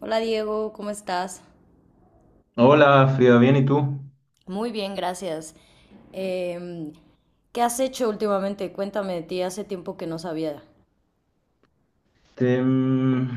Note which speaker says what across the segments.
Speaker 1: Hola Diego, ¿cómo estás?
Speaker 2: Hola, Frida, bien, ¿y tú?
Speaker 1: Muy bien, gracias. Em, ¿Qué has hecho últimamente? Cuéntame de ti, hace tiempo que no sabía
Speaker 2: Te, mm,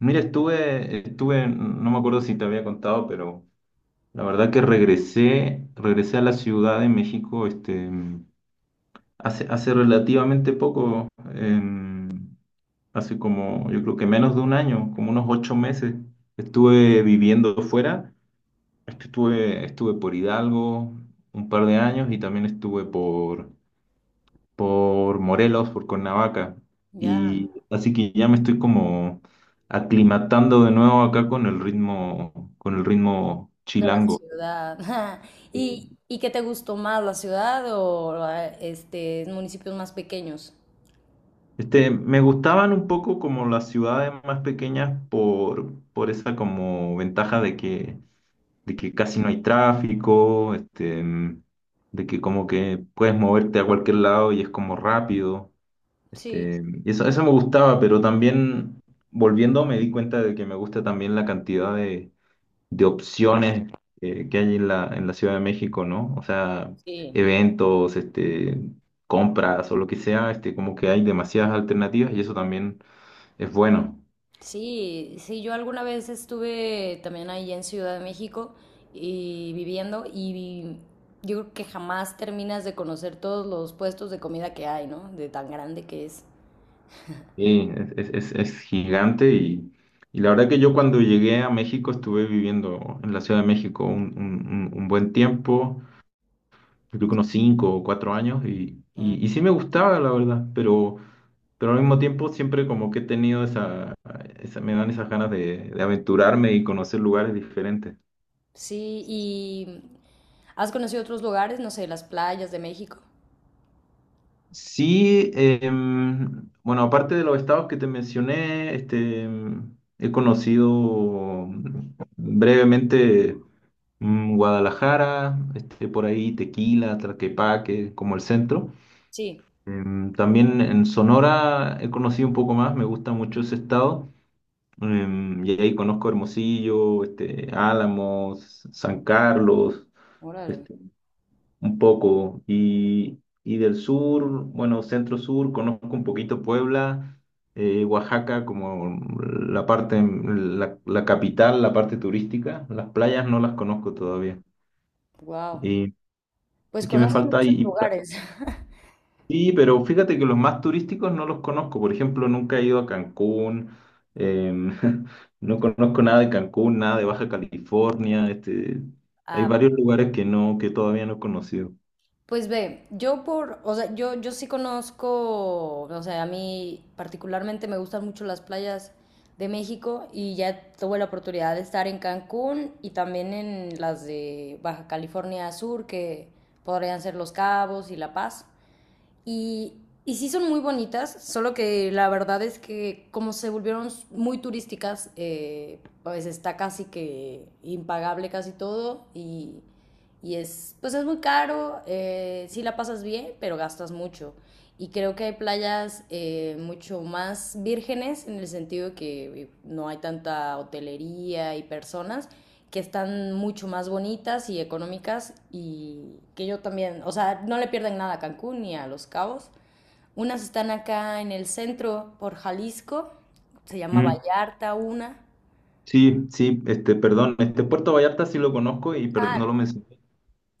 Speaker 2: Mira, estuve, no me acuerdo si te había contado, pero la verdad que regresé a la Ciudad de México, hace relativamente poco, em, hace como, yo creo que menos de un año, como unos 8 meses, estuve viviendo fuera, estuve por Hidalgo un par de años y también estuve por Morelos, por Cuernavaca.
Speaker 1: ya
Speaker 2: Y así que ya me estoy como aclimatando de nuevo acá con el ritmo,
Speaker 1: de la
Speaker 2: chilango.
Speaker 1: ciudad. ¿Y qué te gustó más, la ciudad o municipios más pequeños?
Speaker 2: Me gustaban un poco como las ciudades más pequeñas por esa como ventaja de que casi no hay tráfico, de que como que puedes moverte a cualquier lado y es como rápido.
Speaker 1: Sí,
Speaker 2: Y eso me gustaba, pero también volviendo me di cuenta de que me gusta también la cantidad de opciones que hay en la Ciudad de México, ¿no? O sea,
Speaker 1: sí,
Speaker 2: eventos, compras o lo que sea, como que hay demasiadas alternativas y eso también es bueno.
Speaker 1: sí, yo alguna vez estuve también ahí en Ciudad de México y yo creo que jamás terminas de conocer todos los puestos de comida que hay, ¿no? De tan grande que es.
Speaker 2: Sí, es gigante y la verdad que yo cuando llegué a México estuve viviendo en la Ciudad de México un buen tiempo. Yo creo que unos 5 o 4 años y sí me gustaba, la verdad, pero al mismo tiempo siempre como que he tenido esa me dan esas ganas de aventurarme y conocer lugares diferentes.
Speaker 1: Sí, ¿y has conocido otros lugares? No sé, las playas de México.
Speaker 2: Sí, bueno, aparte de los estados que te mencioné, he conocido brevemente Guadalajara, por ahí Tequila, Tlaquepaque, como el centro.
Speaker 1: Sí,
Speaker 2: También en Sonora he conocido un poco más, me gusta mucho ese estado. Y ahí conozco Hermosillo, Álamos, San Carlos,
Speaker 1: órale,
Speaker 2: este, un poco. Y del sur, bueno, centro sur, conozco un poquito Puebla, Oaxaca como la parte, la capital, la parte turística. Las playas no las conozco todavía.
Speaker 1: wow.
Speaker 2: ¿Y, y
Speaker 1: Pues
Speaker 2: qué me
Speaker 1: conoces
Speaker 2: falta?
Speaker 1: muchos lugares.
Speaker 2: Sí, pero fíjate que los más turísticos no los conozco. Por ejemplo, nunca he ido a Cancún, em, no conozco nada de Cancún, nada de Baja California. Hay
Speaker 1: Ah, bueno.
Speaker 2: varios lugares que no, que todavía no he conocido.
Speaker 1: Pues ve, yo por, o sea, yo sí conozco, o sea, a mí particularmente me gustan mucho las playas de México y ya tuve la oportunidad de estar en Cancún y también en las de Baja California Sur, que podrían ser Los Cabos y La Paz. Y, y sí son muy bonitas, solo que la verdad es que como se volvieron muy turísticas, pues está casi que impagable casi todo y es, pues es muy caro, sí la pasas bien, pero gastas mucho. Y creo que hay playas mucho más vírgenes en el sentido que no hay tanta hotelería y personas que están mucho más bonitas y económicas y que yo también, o sea, no le pierden nada a Cancún ni a Los Cabos. Unas están acá en el centro por Jalisco, se llama
Speaker 2: Mm.
Speaker 1: Vallarta una.
Speaker 2: Sí, sí, perdón, Puerto Vallarta sí lo conozco y no lo
Speaker 1: Ah,
Speaker 2: mencioné.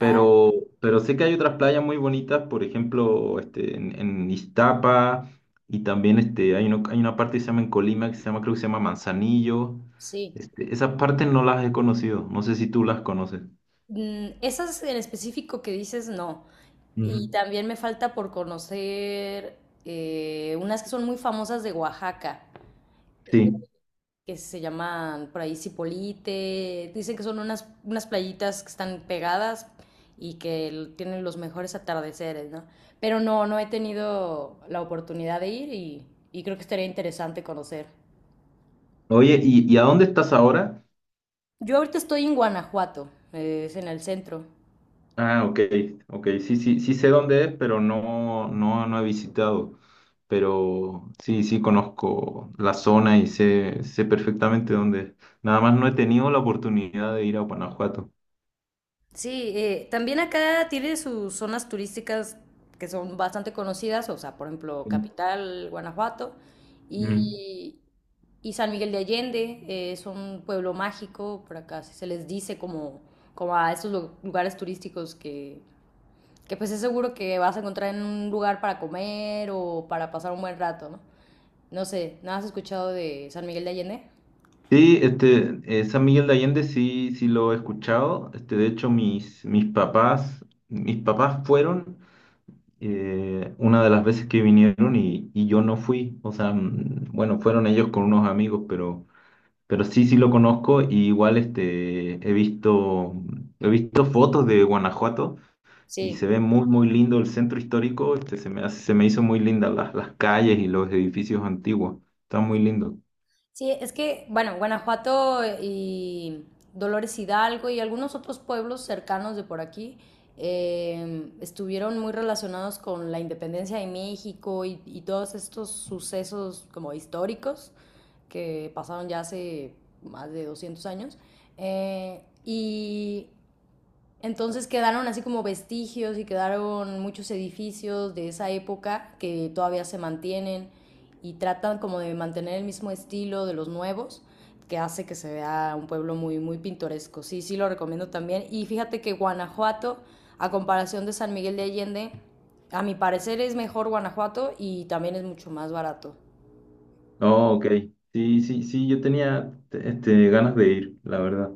Speaker 1: ah,
Speaker 2: pero sé que hay otras playas muy bonitas, por ejemplo, en Iztapa, y también hay una parte que se llama en Colima, que se llama, creo que se llama Manzanillo.
Speaker 1: sí.
Speaker 2: Esas partes no las he conocido, no sé si tú las conoces.
Speaker 1: Mm, esas en específico que dices, no. Y
Speaker 2: Mm.
Speaker 1: también me falta por conocer unas que son muy famosas de Oaxaca, eh,
Speaker 2: Sí.
Speaker 1: que se llaman por ahí Cipolite. Dicen que son unas playitas que están pegadas y que tienen los mejores atardeceres, ¿no? Pero no, no he tenido la oportunidad de ir y creo que estaría interesante conocer.
Speaker 2: Oye, ¿y a dónde estás ahora?
Speaker 1: Yo ahorita estoy en Guanajuato, es en el centro.
Speaker 2: Ah, ok, ok, sí, sí, sí sé dónde es, pero no, no, no he visitado. Pero sí, sí conozco la zona y sé perfectamente dónde es. Nada más no he tenido la oportunidad de ir a Guanajuato.
Speaker 1: Sí, también acá tiene sus zonas turísticas que son bastante conocidas, o sea, por ejemplo, Capital, Guanajuato
Speaker 2: Mm.
Speaker 1: y, y San Miguel de Allende, es un pueblo mágico, por acá se les dice como, como a estos lugares turísticos que pues es seguro que vas a encontrar en un lugar para comer o para pasar un buen rato, ¿no? No sé, ¿no has escuchado de San Miguel de Allende?
Speaker 2: Sí, San Miguel de Allende sí, sí lo he escuchado. De hecho, mis papás fueron una de las veces que vinieron y yo no fui. O sea, bueno, fueron ellos con unos amigos, pero sí, sí lo conozco. Y igual he visto fotos de Guanajuato y se
Speaker 1: Sí.
Speaker 2: ve muy, muy lindo el centro histórico. Se me hizo muy linda las calles y los edificios antiguos. Está muy lindo.
Speaker 1: Sí, es que, bueno, Guanajuato y Dolores Hidalgo y algunos otros pueblos cercanos de por aquí estuvieron muy relacionados con la independencia de México y todos estos sucesos como históricos que pasaron ya hace más de 200 años. Y entonces quedaron así como vestigios y quedaron muchos edificios de esa época que todavía se mantienen y tratan como de mantener el mismo estilo de los nuevos que hace que se vea un pueblo muy muy pintoresco. Sí, sí lo recomiendo también y fíjate que Guanajuato a comparación de San Miguel de Allende, a mi parecer es mejor Guanajuato y también es mucho más barato.
Speaker 2: Oh, ok. Sí, sí, sí, yo tenía ganas de ir, la verdad.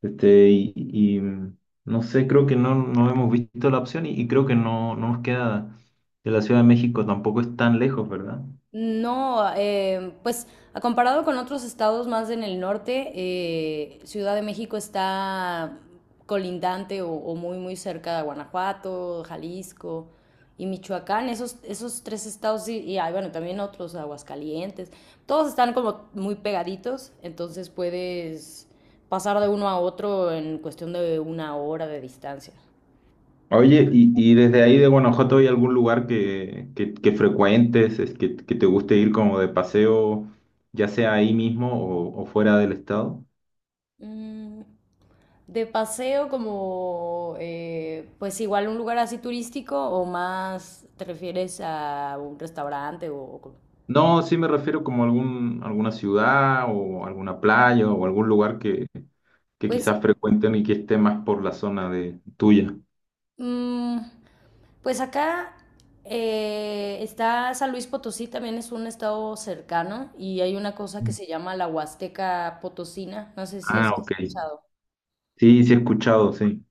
Speaker 2: Este, y, y, mm, no sé, creo que no, no hemos visto la opción y creo que no, no nos queda de la Ciudad de México, tampoco es tan lejos, ¿verdad?
Speaker 1: No, pues a comparado con otros estados más en el norte, Ciudad de México está colindante o muy muy cerca de Guanajuato, Jalisco y Michoacán. Esos tres estados y hay, bueno, también otros, Aguascalientes. Todos están como muy pegaditos, entonces puedes pasar de uno a otro en cuestión de una hora de distancia.
Speaker 2: Oye, y desde ahí de Guanajuato, ¿hay algún lugar que frecuentes, es que te guste ir como de paseo, ya sea ahí mismo o fuera del estado?
Speaker 1: Mm, de paseo como, pues igual un lugar así turístico o más te refieres a un restaurante
Speaker 2: No, sí me refiero como algún, alguna ciudad o alguna playa o algún lugar que
Speaker 1: Pues,
Speaker 2: quizás frecuenten y que esté más por la zona de tuya.
Speaker 1: mm, pues acá está San Luis Potosí, también es un estado cercano y hay una cosa que
Speaker 2: Mm.
Speaker 1: se llama la Huasteca Potosina, no sé si has
Speaker 2: Ah, ok.
Speaker 1: escuchado.
Speaker 2: Sí, sí he escuchado, sí.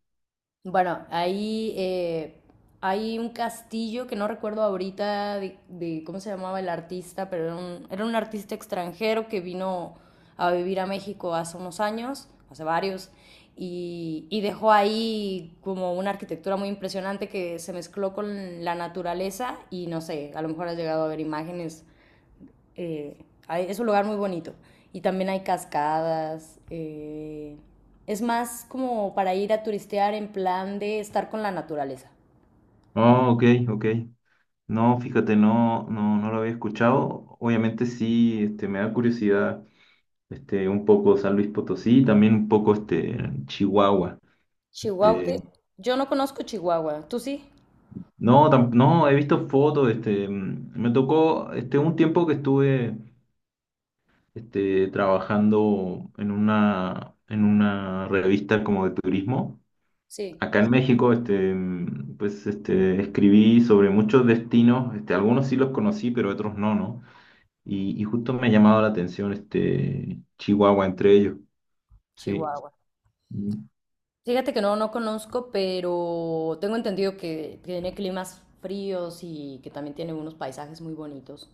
Speaker 1: Bueno, ahí hay un castillo que no recuerdo ahorita de cómo se llamaba el artista, pero era un artista extranjero que vino a vivir a México hace unos años, hace varios, y dejó ahí como una arquitectura muy impresionante que se mezcló con la naturaleza y no sé, a lo mejor has llegado a ver imágenes eh, es un lugar muy bonito. Y también hay cascadas. Es más como para ir a turistear en plan de estar con la naturaleza.
Speaker 2: Oh, ok, ok. No, fíjate, no, no, no lo había escuchado. Obviamente sí, me da curiosidad, un poco San Luis Potosí, también un poco Chihuahua.
Speaker 1: Chihuahua.
Speaker 2: Este,
Speaker 1: Yo no conozco Chihuahua. ¿Tú sí?
Speaker 2: no, no, he visto fotos, me tocó, un tiempo que estuve, trabajando en una, revista como de turismo.
Speaker 1: Sí,
Speaker 2: Acá en México, pues, escribí sobre muchos destinos, algunos sí los conocí, pero otros no, ¿no? Y justo me ha llamado la atención, Chihuahua entre ellos, sí,
Speaker 1: Chihuahua.
Speaker 2: mm,
Speaker 1: Fíjate que no, no conozco, pero tengo entendido que tiene climas fríos y que también tiene unos paisajes muy bonitos.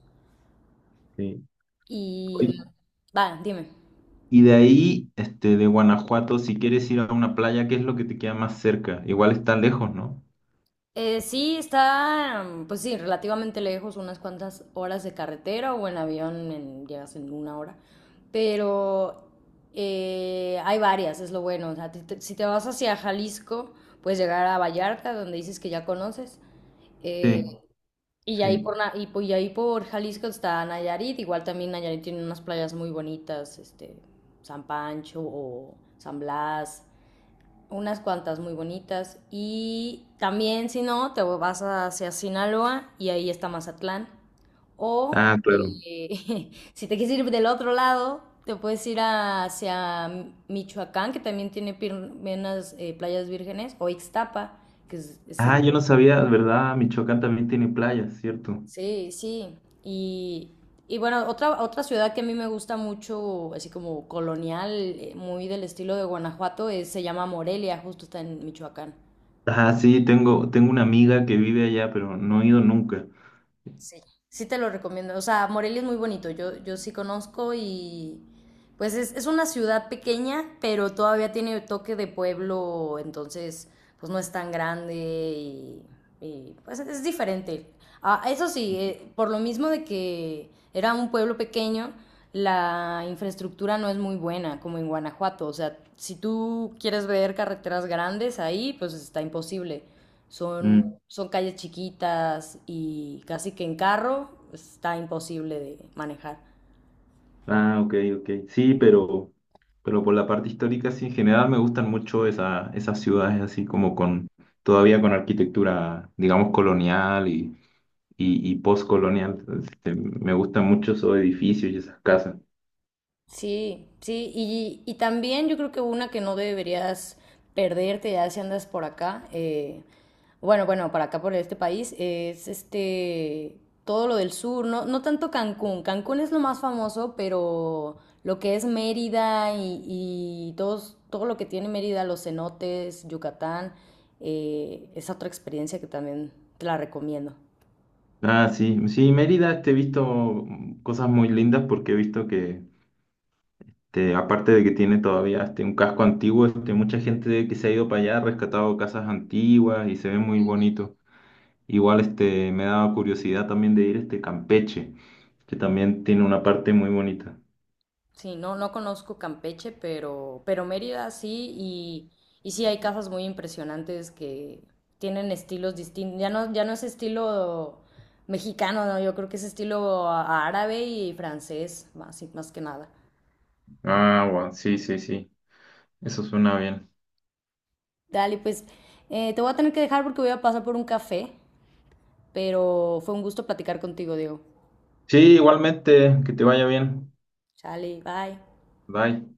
Speaker 2: sí.
Speaker 1: Y
Speaker 2: Oye,
Speaker 1: va, dime.
Speaker 2: y de ahí, de Guanajuato, si quieres ir a una playa, ¿qué es lo que te queda más cerca? Igual está lejos, ¿no?
Speaker 1: Sí, está, mm, pues sí, relativamente lejos, unas cuantas horas de carretera o en avión llegas en una hora, pero hay varias, es lo bueno. O sea, si te vas hacia Jalisco, puedes llegar a Vallarta, donde dices que ya conoces, eh,
Speaker 2: Sí,
Speaker 1: y ahí
Speaker 2: sí.
Speaker 1: por, y ahí por Jalisco está Nayarit, igual también Nayarit tiene unas playas muy bonitas, este, San Pancho o San Blas, unas cuantas muy bonitas. Y también, si no, te vas hacia Sinaloa y ahí está Mazatlán. O
Speaker 2: Ah, claro.
Speaker 1: si te quieres ir del otro lado, te puedes ir hacia Michoacán, que también tiene unas playas vírgenes, o Ixtapa, que es
Speaker 2: Ah,
Speaker 1: en...
Speaker 2: yo no sabía, ¿verdad? Michoacán también tiene playas, ¿cierto?
Speaker 1: Sí, sí. Y bueno, otra ciudad que a mí me gusta mucho, así como colonial, muy del estilo de Guanajuato, se llama Morelia, justo está en Michoacán.
Speaker 2: Ah, sí, tengo una amiga que vive allá, pero no he ido nunca.
Speaker 1: Sí. Sí te lo recomiendo. O sea, Morelia es muy bonito. Yo sí conozco y pues es una ciudad pequeña, pero todavía tiene toque de pueblo, entonces pues no es tan grande y, pues es diferente. Ah, eso sí, por lo mismo de que era un pueblo pequeño, la infraestructura no es muy buena como en Guanajuato. O sea, si tú quieres ver carreteras grandes ahí, pues está imposible.
Speaker 2: Mm.
Speaker 1: Son calles chiquitas y casi que en carro está imposible de manejar.
Speaker 2: Ah, ok, ok. Sí, pero por la parte histórica, sí, en general me gustan mucho esa, esas ciudades así como con, todavía con arquitectura, digamos, colonial y postcolonial. Me gustan mucho esos edificios y esas casas.
Speaker 1: Sí, sí, y también yo creo que una que no deberías perderte ya si andas por acá, bueno, para acá por este país, es este, todo lo del sur, no, no tanto Cancún, Cancún es lo más famoso, pero lo que es Mérida y todos, todo lo que tiene Mérida, los cenotes, Yucatán, es otra experiencia que también te la recomiendo.
Speaker 2: Ah, sí, sí, Mérida, he visto cosas muy lindas porque he visto que, aparte de que tiene todavía un casco antiguo, mucha gente que se ha ido para allá ha rescatado casas antiguas y se ve muy bonito. Igual me daba curiosidad también de ir a Campeche, que también tiene una parte muy bonita.
Speaker 1: Sí, no, no conozco Campeche, pero Mérida sí, y sí hay casas muy impresionantes que tienen estilos distintos. Ya no, ya no es estilo mexicano, no, yo creo que es estilo árabe y francés, más, más que nada.
Speaker 2: Ah, bueno, sí, sí, sí. Eso suena bien.
Speaker 1: Dale, pues te voy a tener que dejar porque voy a pasar por un café, pero fue un gusto platicar contigo, Diego.
Speaker 2: Sí, igualmente, que te vaya bien.
Speaker 1: Chale, bye.
Speaker 2: Bye.